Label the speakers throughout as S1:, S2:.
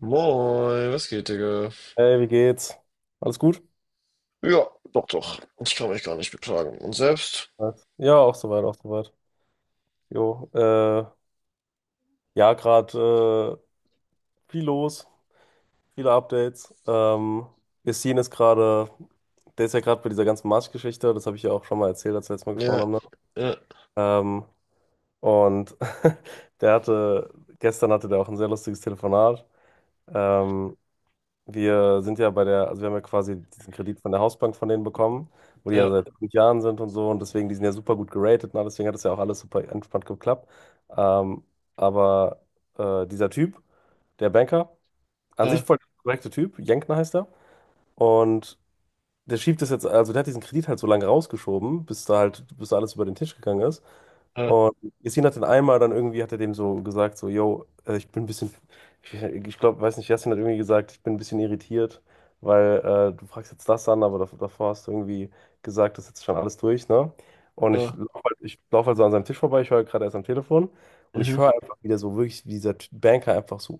S1: Moin, was geht, Digga?
S2: Hey, wie geht's? Alles gut?
S1: Ja, doch, doch. Ich kann mich gar nicht beklagen. Und selbst?
S2: Was? Ja, auch soweit, auch soweit. Jo, ja, gerade viel los, viele Updates. Yassin ist gerade, der ist ja gerade bei dieser ganzen Marsch-Geschichte, das habe ich ja auch schon mal erzählt, als wir letztes Mal gesprochen
S1: Ja,
S2: haben, ne?
S1: ja,
S2: Ähm, und der hatte, gestern hatte der auch ein sehr lustiges Telefonat. Ähm, Wir sind ja also wir haben ja quasi diesen Kredit von der Hausbank von denen bekommen, wo die ja
S1: ja,
S2: seit 5 Jahren sind und so, und deswegen, die sind ja super gut geratet und alles, deswegen hat es ja auch alles super entspannt geklappt. Ähm, aber dieser Typ, der Banker, an sich
S1: ja,
S2: voll der korrekte Typ, Jenkner heißt er, und der schiebt das jetzt, also der hat diesen Kredit halt so lange rausgeschoben, bis da alles über den Tisch gegangen ist.
S1: ja,
S2: Und Yassin hat dann einmal dann irgendwie, hat er dem so gesagt, so, yo, ich bin ein bisschen, ich glaube, weiß nicht, Yassin hat irgendwie gesagt, ich bin ein bisschen irritiert, weil du fragst jetzt das an, aber davor hast du irgendwie gesagt, das ist jetzt schon alles durch, ne? Und ich
S1: ja.
S2: laufe halt, ich lauf halt so an seinem Tisch vorbei, ich höre gerade erst am Telefon und ich
S1: Mhm.
S2: höre einfach wieder so wirklich, wie dieser Banker einfach so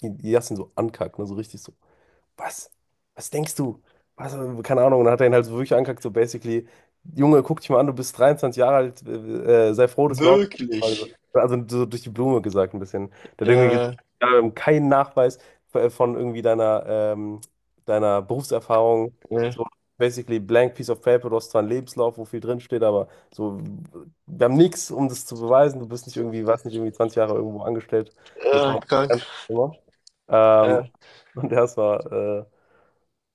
S2: Yassin so ankackt, ne? So richtig so, was? Was denkst du? Was, keine Ahnung. Und dann hat er ihn halt so wirklich angekackt, so basically, Junge, guck dich mal an, du bist 23 Jahre alt, sei froh, dass wir überhaupt nicht. Also,
S1: Wirklich?
S2: so durch die Blume gesagt ein bisschen. Der hat irgendwie gesagt,
S1: Ja,
S2: ja, wir haben keinen Nachweis von irgendwie deiner Berufserfahrung.
S1: ja,
S2: So basically blank piece of paper, du hast zwar einen Lebenslauf, wo viel drinsteht, aber so, wir haben nichts, um das zu beweisen. Du bist nicht irgendwie, warst nicht irgendwie 20 Jahre irgendwo angestellt mit
S1: ja,
S2: tausend.
S1: krank.
S2: Ähm,
S1: Ja.
S2: und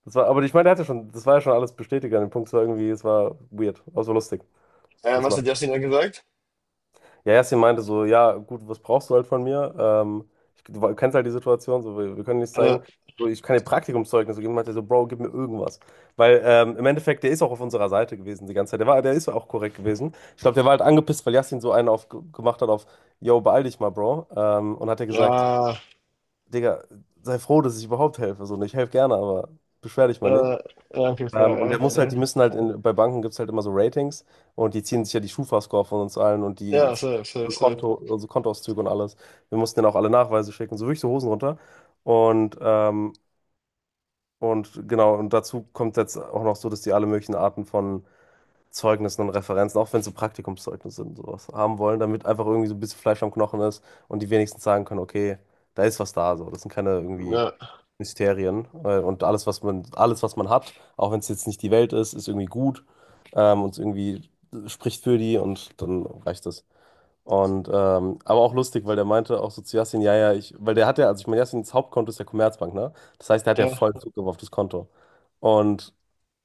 S2: das war, aber ich meine, er hatte schon, das war ja schon alles bestätigt an dem Punkt. Es war irgendwie, es war weird, aber so lustig. Ich muss
S1: Was
S2: lachen.
S1: hat Jasmin da gesagt?
S2: Ja, Yasin meinte so, ja, gut, was brauchst du halt von mir? Du kennst halt die Situation, so, wir können nichts
S1: Ja,
S2: zeigen. So, ich kann dir Praktikumszeugnisse geben. Meinte er so, Bro, gib mir irgendwas. Weil im Endeffekt, der ist auch auf unserer Seite gewesen die ganze Zeit. Der war, der ist ja auch korrekt gewesen. Ich glaube, der war halt angepisst, weil Yasin so einen auf, gemacht hat auf, yo, beeil dich mal, Bro. Und hat er gesagt,
S1: ja,
S2: Digga, sei froh, dass ich überhaupt helfe. So, und ich helfe gerne, aber beschwer dich mal nicht.
S1: ja, ja, okay, fair,
S2: Und der muss
S1: ja,
S2: halt,
S1: ja.
S2: die müssen halt, bei Banken gibt es halt immer so Ratings, und die ziehen sich ja die Schufa-Score von uns allen und die
S1: Ja,
S2: ziehen
S1: safe, safe,
S2: unsere
S1: safe.
S2: Konto, unsere Kontoauszüge und alles. Wir mussten denen auch alle Nachweise schicken, so wirklich so Hosen runter. Und, ähm, und genau, und dazu kommt jetzt auch noch so, dass die alle möglichen Arten von Zeugnissen und Referenzen, auch wenn es so Praktikumszeugnisse und sowas, haben wollen, damit einfach irgendwie so ein bisschen Fleisch am Knochen ist und die wenigstens sagen können, okay, da ist was da, so. Das sind keine irgendwie
S1: Ja,
S2: Mysterien und alles, was man hat, auch wenn es jetzt nicht die Welt ist, ist irgendwie gut, und irgendwie spricht für die und dann reicht das. Und aber auch lustig, weil der meinte auch so zu Yassin, ja, ja, ich, weil der hat ja, also ich meine, Yassins Hauptkonto ist ja Commerzbank, ne? Das heißt, der hat ja
S1: ja,
S2: voll Zugriff auf das Konto. Und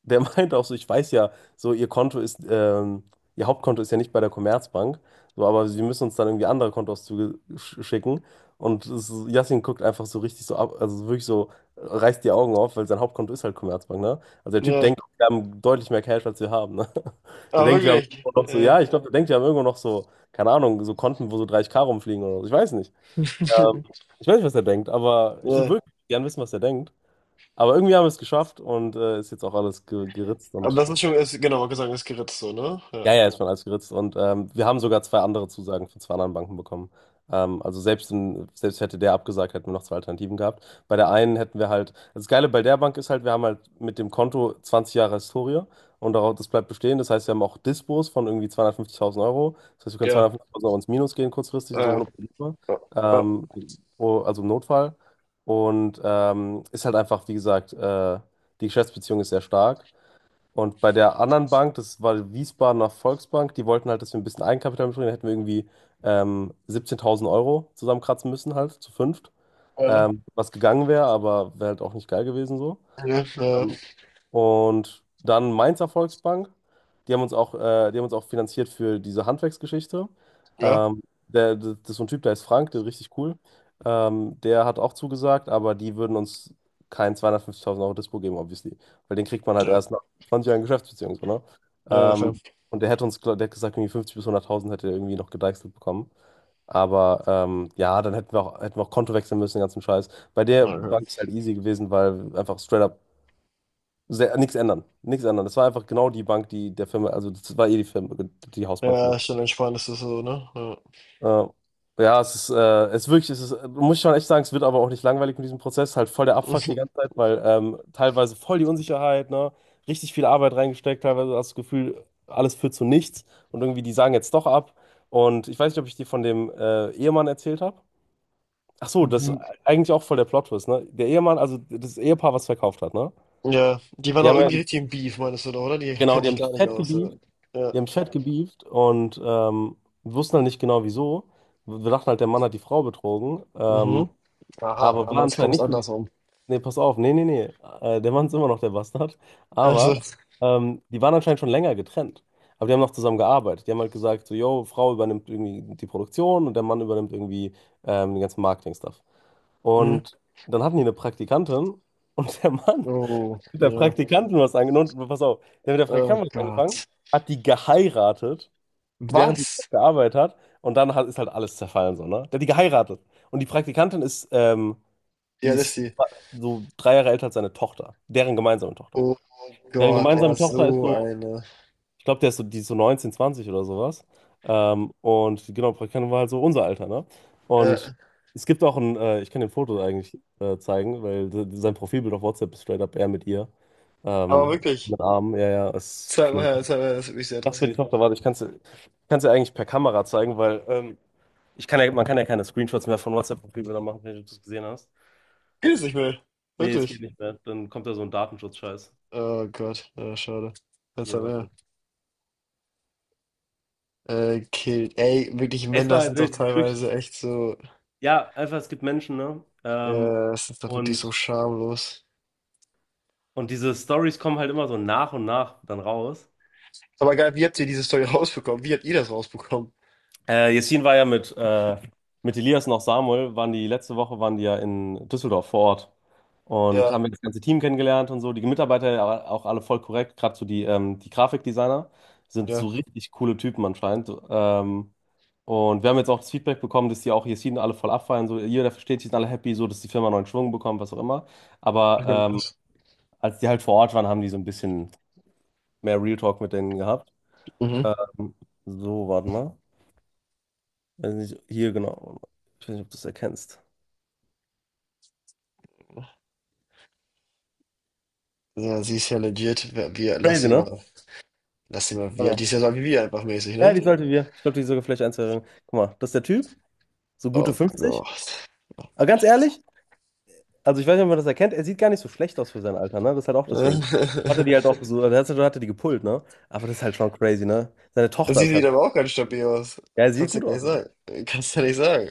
S2: der meinte auch so, ich weiß ja, so ihr Hauptkonto ist ja nicht bei der Commerzbank, so, aber sie müssen uns dann irgendwie andere Kontoauszüge schicken. Und Yassin guckt einfach so richtig so ab, also wirklich so, reißt die Augen auf, weil sein Hauptkonto ist halt Commerzbank, ne? Also der Typ
S1: ja.
S2: denkt, wir haben deutlich mehr Cash, als wir haben, ne? Der
S1: Ah,
S2: denkt, wir haben
S1: wirklich?
S2: irgendwo noch so,
S1: Ja.
S2: ja, ich glaube, der denkt, wir haben irgendwo noch so, keine Ahnung, so Konten, wo so 30K rumfliegen oder so. Ich weiß nicht. Ähm, ich weiß nicht, was er denkt, aber ich würde
S1: Ja.
S2: wirklich gern wissen, was er denkt. Aber irgendwie haben wir es geschafft und ist jetzt auch alles ge geritzt
S1: Aber
S2: und
S1: das ist schon, ist, genau, Gesang ist geritzt, so, ne? Ja.
S2: ja, ja, ist schon alles geritzt. Und wir haben sogar zwei andere Zusagen von zwei anderen Banken bekommen. Also selbst hätte der abgesagt, hätten wir noch zwei Alternativen gehabt. Bei der einen hätten wir halt, das Geile bei der Bank ist halt, wir haben halt mit dem Konto 20 Jahre Historie, und darauf, das bleibt bestehen. Das heißt, wir haben auch Dispos von irgendwie 250.000 Euro. Das heißt, wir können
S1: Ja.
S2: 250.000 Euro ins Minus gehen kurzfristig und so
S1: Ja.
S2: ohne Probleme.
S1: Ja. Ja.
S2: Ähm, oh, also im Notfall. Und ist halt einfach, wie gesagt, die Geschäftsbeziehung ist sehr stark. Und bei der anderen Bank, das war die Wiesbadener Volksbank, die wollten halt, dass wir ein bisschen Eigenkapital mitbringen. Da hätten wir irgendwie 17.000 Euro zusammenkratzen müssen, halt zu fünft.
S1: Ja.
S2: Was gegangen wäre, aber wäre halt auch nicht geil gewesen so.
S1: Ja, ja,
S2: Ähm, und dann Mainzer Volksbank. Die haben uns auch, die haben uns auch finanziert für diese Handwerksgeschichte.
S1: ja,
S2: Ähm, das ist so ein Typ, der ist Frank, der ist richtig cool. Der hat auch zugesagt, aber die würden uns kein 250.000 Euro Dispo geben, obviously. Weil den kriegt man halt erst nach 20 Jahren Geschäftsbeziehung, so, ne?
S1: ja, ja,
S2: Ähm,
S1: fair.
S2: und der hätte uns, der hat gesagt, irgendwie 50 bis 100.000 hätte er irgendwie noch gedeichselt bekommen. Aber ja, dann hätten wir auch Konto wechseln müssen, den ganzen Scheiß. Bei der
S1: Okay.
S2: Bank ist halt easy gewesen, weil einfach straight up sehr, nichts ändern. Nichts ändern. Das war einfach genau die Bank, die der Firma, also das war eh die Firma, die Hausbank von
S1: Ja,
S2: der
S1: ist dann entspannt, ist das so, ne? Ja.
S2: Firma. Ja, es ist wirklich, es ist, muss ich schon echt sagen, es wird aber auch nicht langweilig mit diesem Prozess. Halt voll der Abfuck die ganze Zeit, weil teilweise voll die Unsicherheit, ne? Richtig viel Arbeit reingesteckt, teilweise hast du das Gefühl, alles führt zu nichts und irgendwie die sagen jetzt doch ab. Und ich weiß nicht, ob ich dir von dem Ehemann erzählt habe. Ach so, das ist
S1: Mhm.
S2: eigentlich auch voll der Plot-Twist, ne? Der Ehemann, also das Ehepaar, was verkauft hat, ne?
S1: Ja, die waren
S2: Die
S1: auch
S2: haben ja,
S1: irgendwie richtig im Beef, meinst du, doch, oder? Die
S2: genau,
S1: können
S2: die
S1: sich
S2: haben
S1: gar
S2: mich
S1: nicht
S2: fett
S1: aus. Ja.
S2: geliebt.
S1: Ja.
S2: Die haben fett gebieft und wir wussten halt nicht genau wieso. Wir dachten halt, der Mann hat die Frau betrogen.
S1: Mhm. Aha,
S2: Aber
S1: aber
S2: war
S1: jetzt
S2: anscheinend
S1: kommt es
S2: nicht so die.
S1: andersrum.
S2: Nee, pass auf, nee, nee, nee. Der Mann ist immer noch der Bastard.
S1: Also,
S2: Aber die waren anscheinend schon länger getrennt. Aber die haben noch zusammen gearbeitet. Die haben halt gesagt, so, yo, Frau übernimmt irgendwie die Produktion und der Mann übernimmt irgendwie den ganzen Marketing-Stuff.
S1: mhm.
S2: Und dann hatten die eine Praktikantin und der Mann
S1: Oh,
S2: mit der
S1: ja.
S2: Praktikantin was angefangen. Pass auf, der mit der
S1: Oh
S2: Praktikantin was angefangen,
S1: Gott.
S2: hat die geheiratet, während die
S1: Was?
S2: gearbeitet hat. Und dann hat, ist halt alles zerfallen, so, ne? Der hat die geheiratet. Und die Praktikantin ist, die
S1: Ja, das ist
S2: ist
S1: sie.
S2: so 3 Jahre älter als seine Tochter. Deren gemeinsame Tochter.
S1: Oh
S2: Deren
S1: Gott, er
S2: gemeinsame, oh,
S1: ist
S2: Tochter ist
S1: so
S2: so,
S1: eine.
S2: ich glaube, der ist so, die ist so 19, 20 oder sowas. Und die, genau, Praktikantin war halt so unser Alter, ne? Und
S1: Ja.
S2: es gibt auch ein, ich kann dir Foto eigentlich zeigen, weil sein Profilbild auf WhatsApp ist straight up er mit ihr.
S1: Aber wirklich,
S2: Mit Armen, ja, ja, ist schlimm. Ich
S1: zweimal her, das hat mich sehr
S2: dachte, die
S1: interessiert.
S2: Tochter, warte, ich kann es dir kann's dir eigentlich per Kamera zeigen, weil ich kann ja, man kann ja keine Screenshots mehr von whatsapp profilen machen, wenn du das gesehen hast.
S1: Geht es nicht mehr.
S2: Nee, es geht
S1: Wirklich.
S2: nicht mehr. Dann kommt da so ein Datenschutz-Scheiß.
S1: Oh Gott, ja, schade. Jetzt
S2: Hier,
S1: haben
S2: warte mal.
S1: wir. Killt. Ey, wirklich
S2: Es
S1: Männer
S2: war
S1: sind doch
S2: durch,
S1: teilweise echt so,
S2: ja, einfach, es gibt Menschen, ne?
S1: es ist doch wirklich so
S2: Und,
S1: schamlos.
S2: und diese Stories kommen halt immer so nach und nach dann raus.
S1: Aber geil, wie habt ihr diese Story rausbekommen? Wie habt ihr das rausbekommen?
S2: Yassin war ja mit Elias noch Samuel, waren die letzte Woche waren die ja in Düsseldorf vor Ort und
S1: Ja,
S2: haben wir das ganze Team kennengelernt und so. Die Mitarbeiter ja auch alle voll korrekt, gerade so die, die Grafikdesigner sind
S1: ja,
S2: so richtig coole Typen anscheinend. Und wir haben jetzt auch das Feedback bekommen, dass die auch Yassin alle voll abfeiern. So, jeder versteht sich, sind alle happy, so dass die Firma neuen Schwung bekommt, was auch immer. Aber
S1: ich kann
S2: ähm,
S1: das.
S2: als die halt vor Ort waren, haben die so ein bisschen mehr Real Talk mit denen gehabt.
S1: Mhm.
S2: Ähm, so, warte mal. Weiß nicht, hier genau. Ich weiß nicht, ob du das erkennst.
S1: Ja, sie ist ja legit. Wir,
S2: Crazy, ne?
S1: lass sie mal, wie alt die ist
S2: Oder?
S1: ja so wie wir einfach mäßig,
S2: Ja,
S1: ne?
S2: die sollten wir. Ich glaube, die ist sogar vielleicht eins. Guck mal, das ist der Typ, so gute
S1: Oh
S2: 50.
S1: Gott.
S2: Aber ganz ehrlich, also ich weiß nicht, ob man das erkennt, er sieht gar nicht so schlecht aus für sein Alter, ne? Das ist halt auch das Ding. So hatte die halt auch so, also hat er die gepult, ne? Aber das ist halt schon crazy, ne? Seine
S1: Das
S2: Tochter
S1: sieht
S2: ist halt.
S1: wieder aber auch ganz stabil aus.
S2: Ja, er sieht
S1: Kannst du
S2: gut
S1: gar nicht
S2: aus, Mann.
S1: sagen. Kannst du nicht sagen.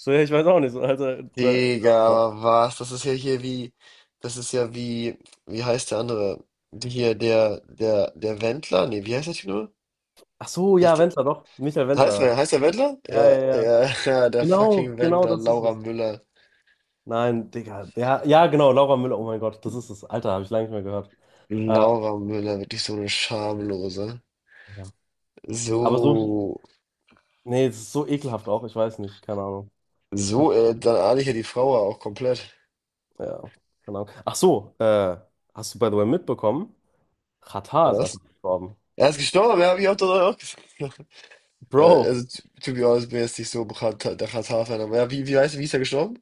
S2: So, ja, ich weiß auch nicht. So, also, da,
S1: Digga, aber was? Das ist ja hier wie, das ist ja wie, wie heißt der andere? Die Hier, der Wendler? Nee, wie heißt der Typ nur?
S2: ach so, ja,
S1: Nicht,
S2: Wendler, doch. Michael
S1: heißt,
S2: Wendler.
S1: er heißt der Wendler?
S2: Ja,
S1: Ja,
S2: ja, ja.
S1: ja, ja, der
S2: Genau,
S1: fucking
S2: genau
S1: Wendler,
S2: das ist
S1: Laura
S2: es.
S1: Müller.
S2: Nein, Digga. Ja, ja, genau, Laura Müller. Oh mein Gott, das ist es. Alter, habe ich lange nicht mehr gehört. Äh,
S1: Laura Müller, wirklich so eine Schamlose.
S2: ja. Aber so,
S1: So,
S2: nee, es ist so ekelhaft auch. Ich weiß nicht, keine Ahnung.
S1: so, dann ahne ich ja die Frau ja auch komplett.
S2: Ja, keine Ahnung. Ach so, hast du by the way mitbekommen? Xatar ist
S1: Was?
S2: einfach gestorben.
S1: Er ist gestorben, ja, hab ich auch, doch auch gesehen. Ja, also,
S2: Bro,
S1: to be honest, bin jetzt nicht so bekannt, der Katar-Fan, aber ja, wie, wie heißt, wie ist er gestorben?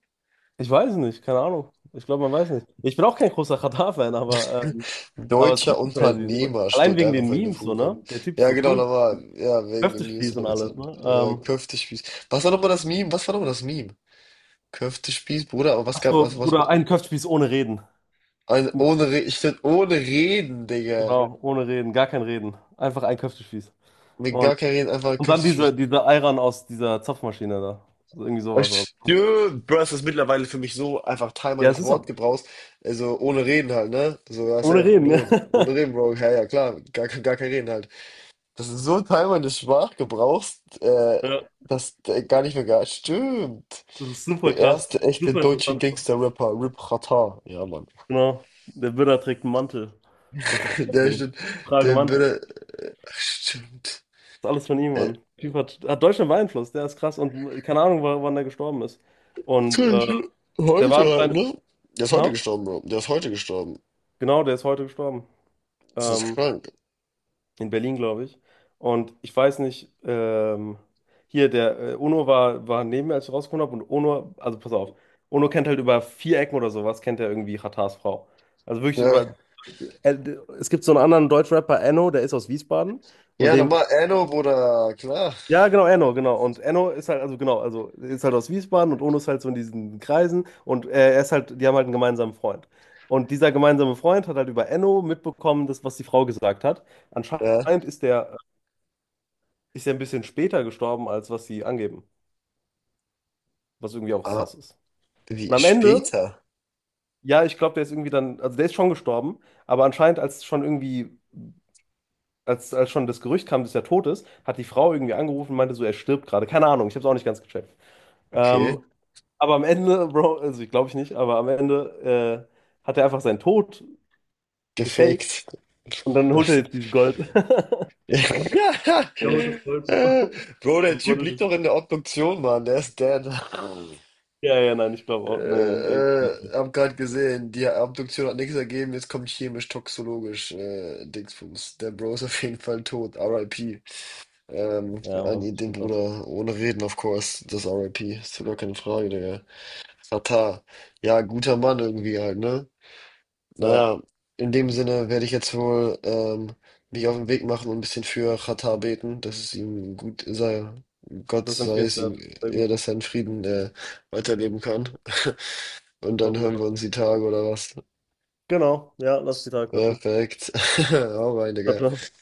S2: ich weiß nicht, keine Ahnung. Ich glaube, man weiß nicht. Ich bin auch kein großer Xatar-Fan, aber es ist
S1: Deutscher
S2: trotzdem crazy. So,
S1: Unternehmer
S2: allein
S1: steht
S2: wegen
S1: einfach,
S2: den
S1: wenn du
S2: Memes, so,
S1: vorkommst.
S2: ne? Der Typ ist
S1: Ja,
S2: so
S1: genau,
S2: cool.
S1: nochmal. Ja, wegen dem News
S2: Köftespieß
S1: hundert
S2: und alles,
S1: Prozent.
S2: ne?
S1: Ja, Köftespieß. Was war nochmal das Meme? Was war nochmal das Meme? Köftespieß, Bruder, aber was
S2: Ach
S1: gab,
S2: so,
S1: was, was,
S2: Bruder, ein Köftespieß ohne Reden.
S1: ein, ohne, ich find, ohne Reden, Digga.
S2: Genau, ohne Reden, gar kein Reden. Einfach ein Köftespieß.
S1: Mit
S2: Und,
S1: gar kein Reden, einfach
S2: und dann
S1: Köftespieß.
S2: diese, diese Ayran aus dieser Zapfmaschine da. So, irgendwie
S1: Oh,
S2: sowas war das.
S1: stimmt, Bro, das ist mittlerweile für mich so einfach Teil
S2: Ja, es
S1: meines
S2: ist auch.
S1: Wortgebrauchs. Also, ohne Reden halt, ne? Sogar
S2: Ohne
S1: safe,
S2: Reden,
S1: ohne
S2: ja.
S1: Reden. Ohne Reden, Bro. Ja, ja, klar. Gar, gar kein Reden halt. Das ist so ein Teil meines Sprachgebrauchs,
S2: Ja,
S1: das gar nicht mehr gar stimmt.
S2: das ist super
S1: Der
S2: krass.
S1: erste echte
S2: Super
S1: deutsche
S2: interessant.
S1: Gangster-Rapper, Rip Ratar. Ja, Mann.
S2: Genau. Der Buddha trägt einen Mantel. Das ist auch
S1: Der
S2: cool.
S1: stimmt.
S2: Ich trage
S1: Der
S2: Mantel.
S1: würde. Ach, stimmt.
S2: Das ist alles von ihm,
S1: Äh,
S2: Mann. Typ hat Deutschland beeinflusst, der ist krass. Und keine Ahnung, wann der gestorben ist. Und
S1: sorry,
S2: der war
S1: heute halt,
S2: anscheinend.
S1: ne? Der ist heute
S2: Ja,
S1: gestorben, Bro. Der ist heute gestorben.
S2: genau, der ist heute gestorben.
S1: Das ist
S2: Ähm,
S1: krank.
S2: in Berlin, glaube ich. Und ich weiß nicht, hier der Ono war, war neben mir, als ich rausgekommen habe. Und Ono, also pass auf, Ono kennt halt über 4 Ecken oder sowas, kennt er irgendwie Ratars Frau. Also wirklich
S1: Ja.
S2: über. Äh, es gibt so einen anderen Deutschrapper, Enno, der ist aus Wiesbaden. Und
S1: Ja,
S2: den.
S1: nochmal. Enno, Bruder. Klar.
S2: Ja, genau, Enno, genau. Und Enno ist halt, also genau, also ist halt aus Wiesbaden und Ono ist halt so in diesen Kreisen. Und er ist halt, die haben halt einen gemeinsamen Freund. Und dieser gemeinsame Freund hat halt über Enno mitbekommen, das, was die Frau gesagt hat.
S1: Ja.
S2: Anscheinend ist der ist ja ein bisschen später gestorben, als was sie angeben. Was irgendwie auch
S1: Ah,
S2: sass ist. Und
S1: wie?
S2: am Ende,
S1: Später?
S2: ja, ich glaube, der ist irgendwie dann, also der ist schon gestorben, aber anscheinend, als schon irgendwie, als schon das Gerücht kam, dass er tot ist, hat die Frau irgendwie angerufen und meinte so, er stirbt gerade. Keine Ahnung, ich habe es auch nicht ganz gecheckt. Ähm,
S1: Okay.
S2: aber am Ende, Bro, also ich glaube ich nicht, aber am Ende hat er einfach seinen Tod gefaked
S1: Gefaked.
S2: und dann holt er jetzt dieses Gold. Der holt das
S1: Äh,
S2: Gold, Bro.
S1: Bro,
S2: Der
S1: der Typ
S2: buddelt
S1: liegt
S2: das.
S1: doch in der Obduktion, Mann. Der ist dead.
S2: Ja, ja, nein, ich glaube auch. Nein, nein, ist,
S1: Hab grad gesehen, die Obduktion hat nichts ergeben. Jetzt kommt chemisch-toxologisch Dingsbums. Der Bro ist auf jeden Fall tot. RIP.
S2: ja,
S1: An
S2: Mann,
S1: ihn, den
S2: schon krass.
S1: Bruder. Ohne Reden, of course. Das RIP. Ist doch gar keine Frage, Digga. Tata. Ja, guter Mann irgendwie halt, ne?
S2: Ja.
S1: Naja, in dem Sinne werde ich jetzt wohl mich auf den Weg machen und ein bisschen für Xatar beten, dass es ihm gut sei. Gott
S2: Das ist
S1: sei es ihm,
S2: empfehlenswert. Sehr
S1: ja,
S2: gut.
S1: dass er in Frieden weiterleben kann. Und
S2: Das
S1: dann
S2: hoffen wir
S1: hören
S2: doch.
S1: wir uns die Tage oder was?
S2: Genau, ja, lass die Tage quatschen.
S1: Perfekt. Hau rein,
S2: Ciao,
S1: Digga.
S2: ciao.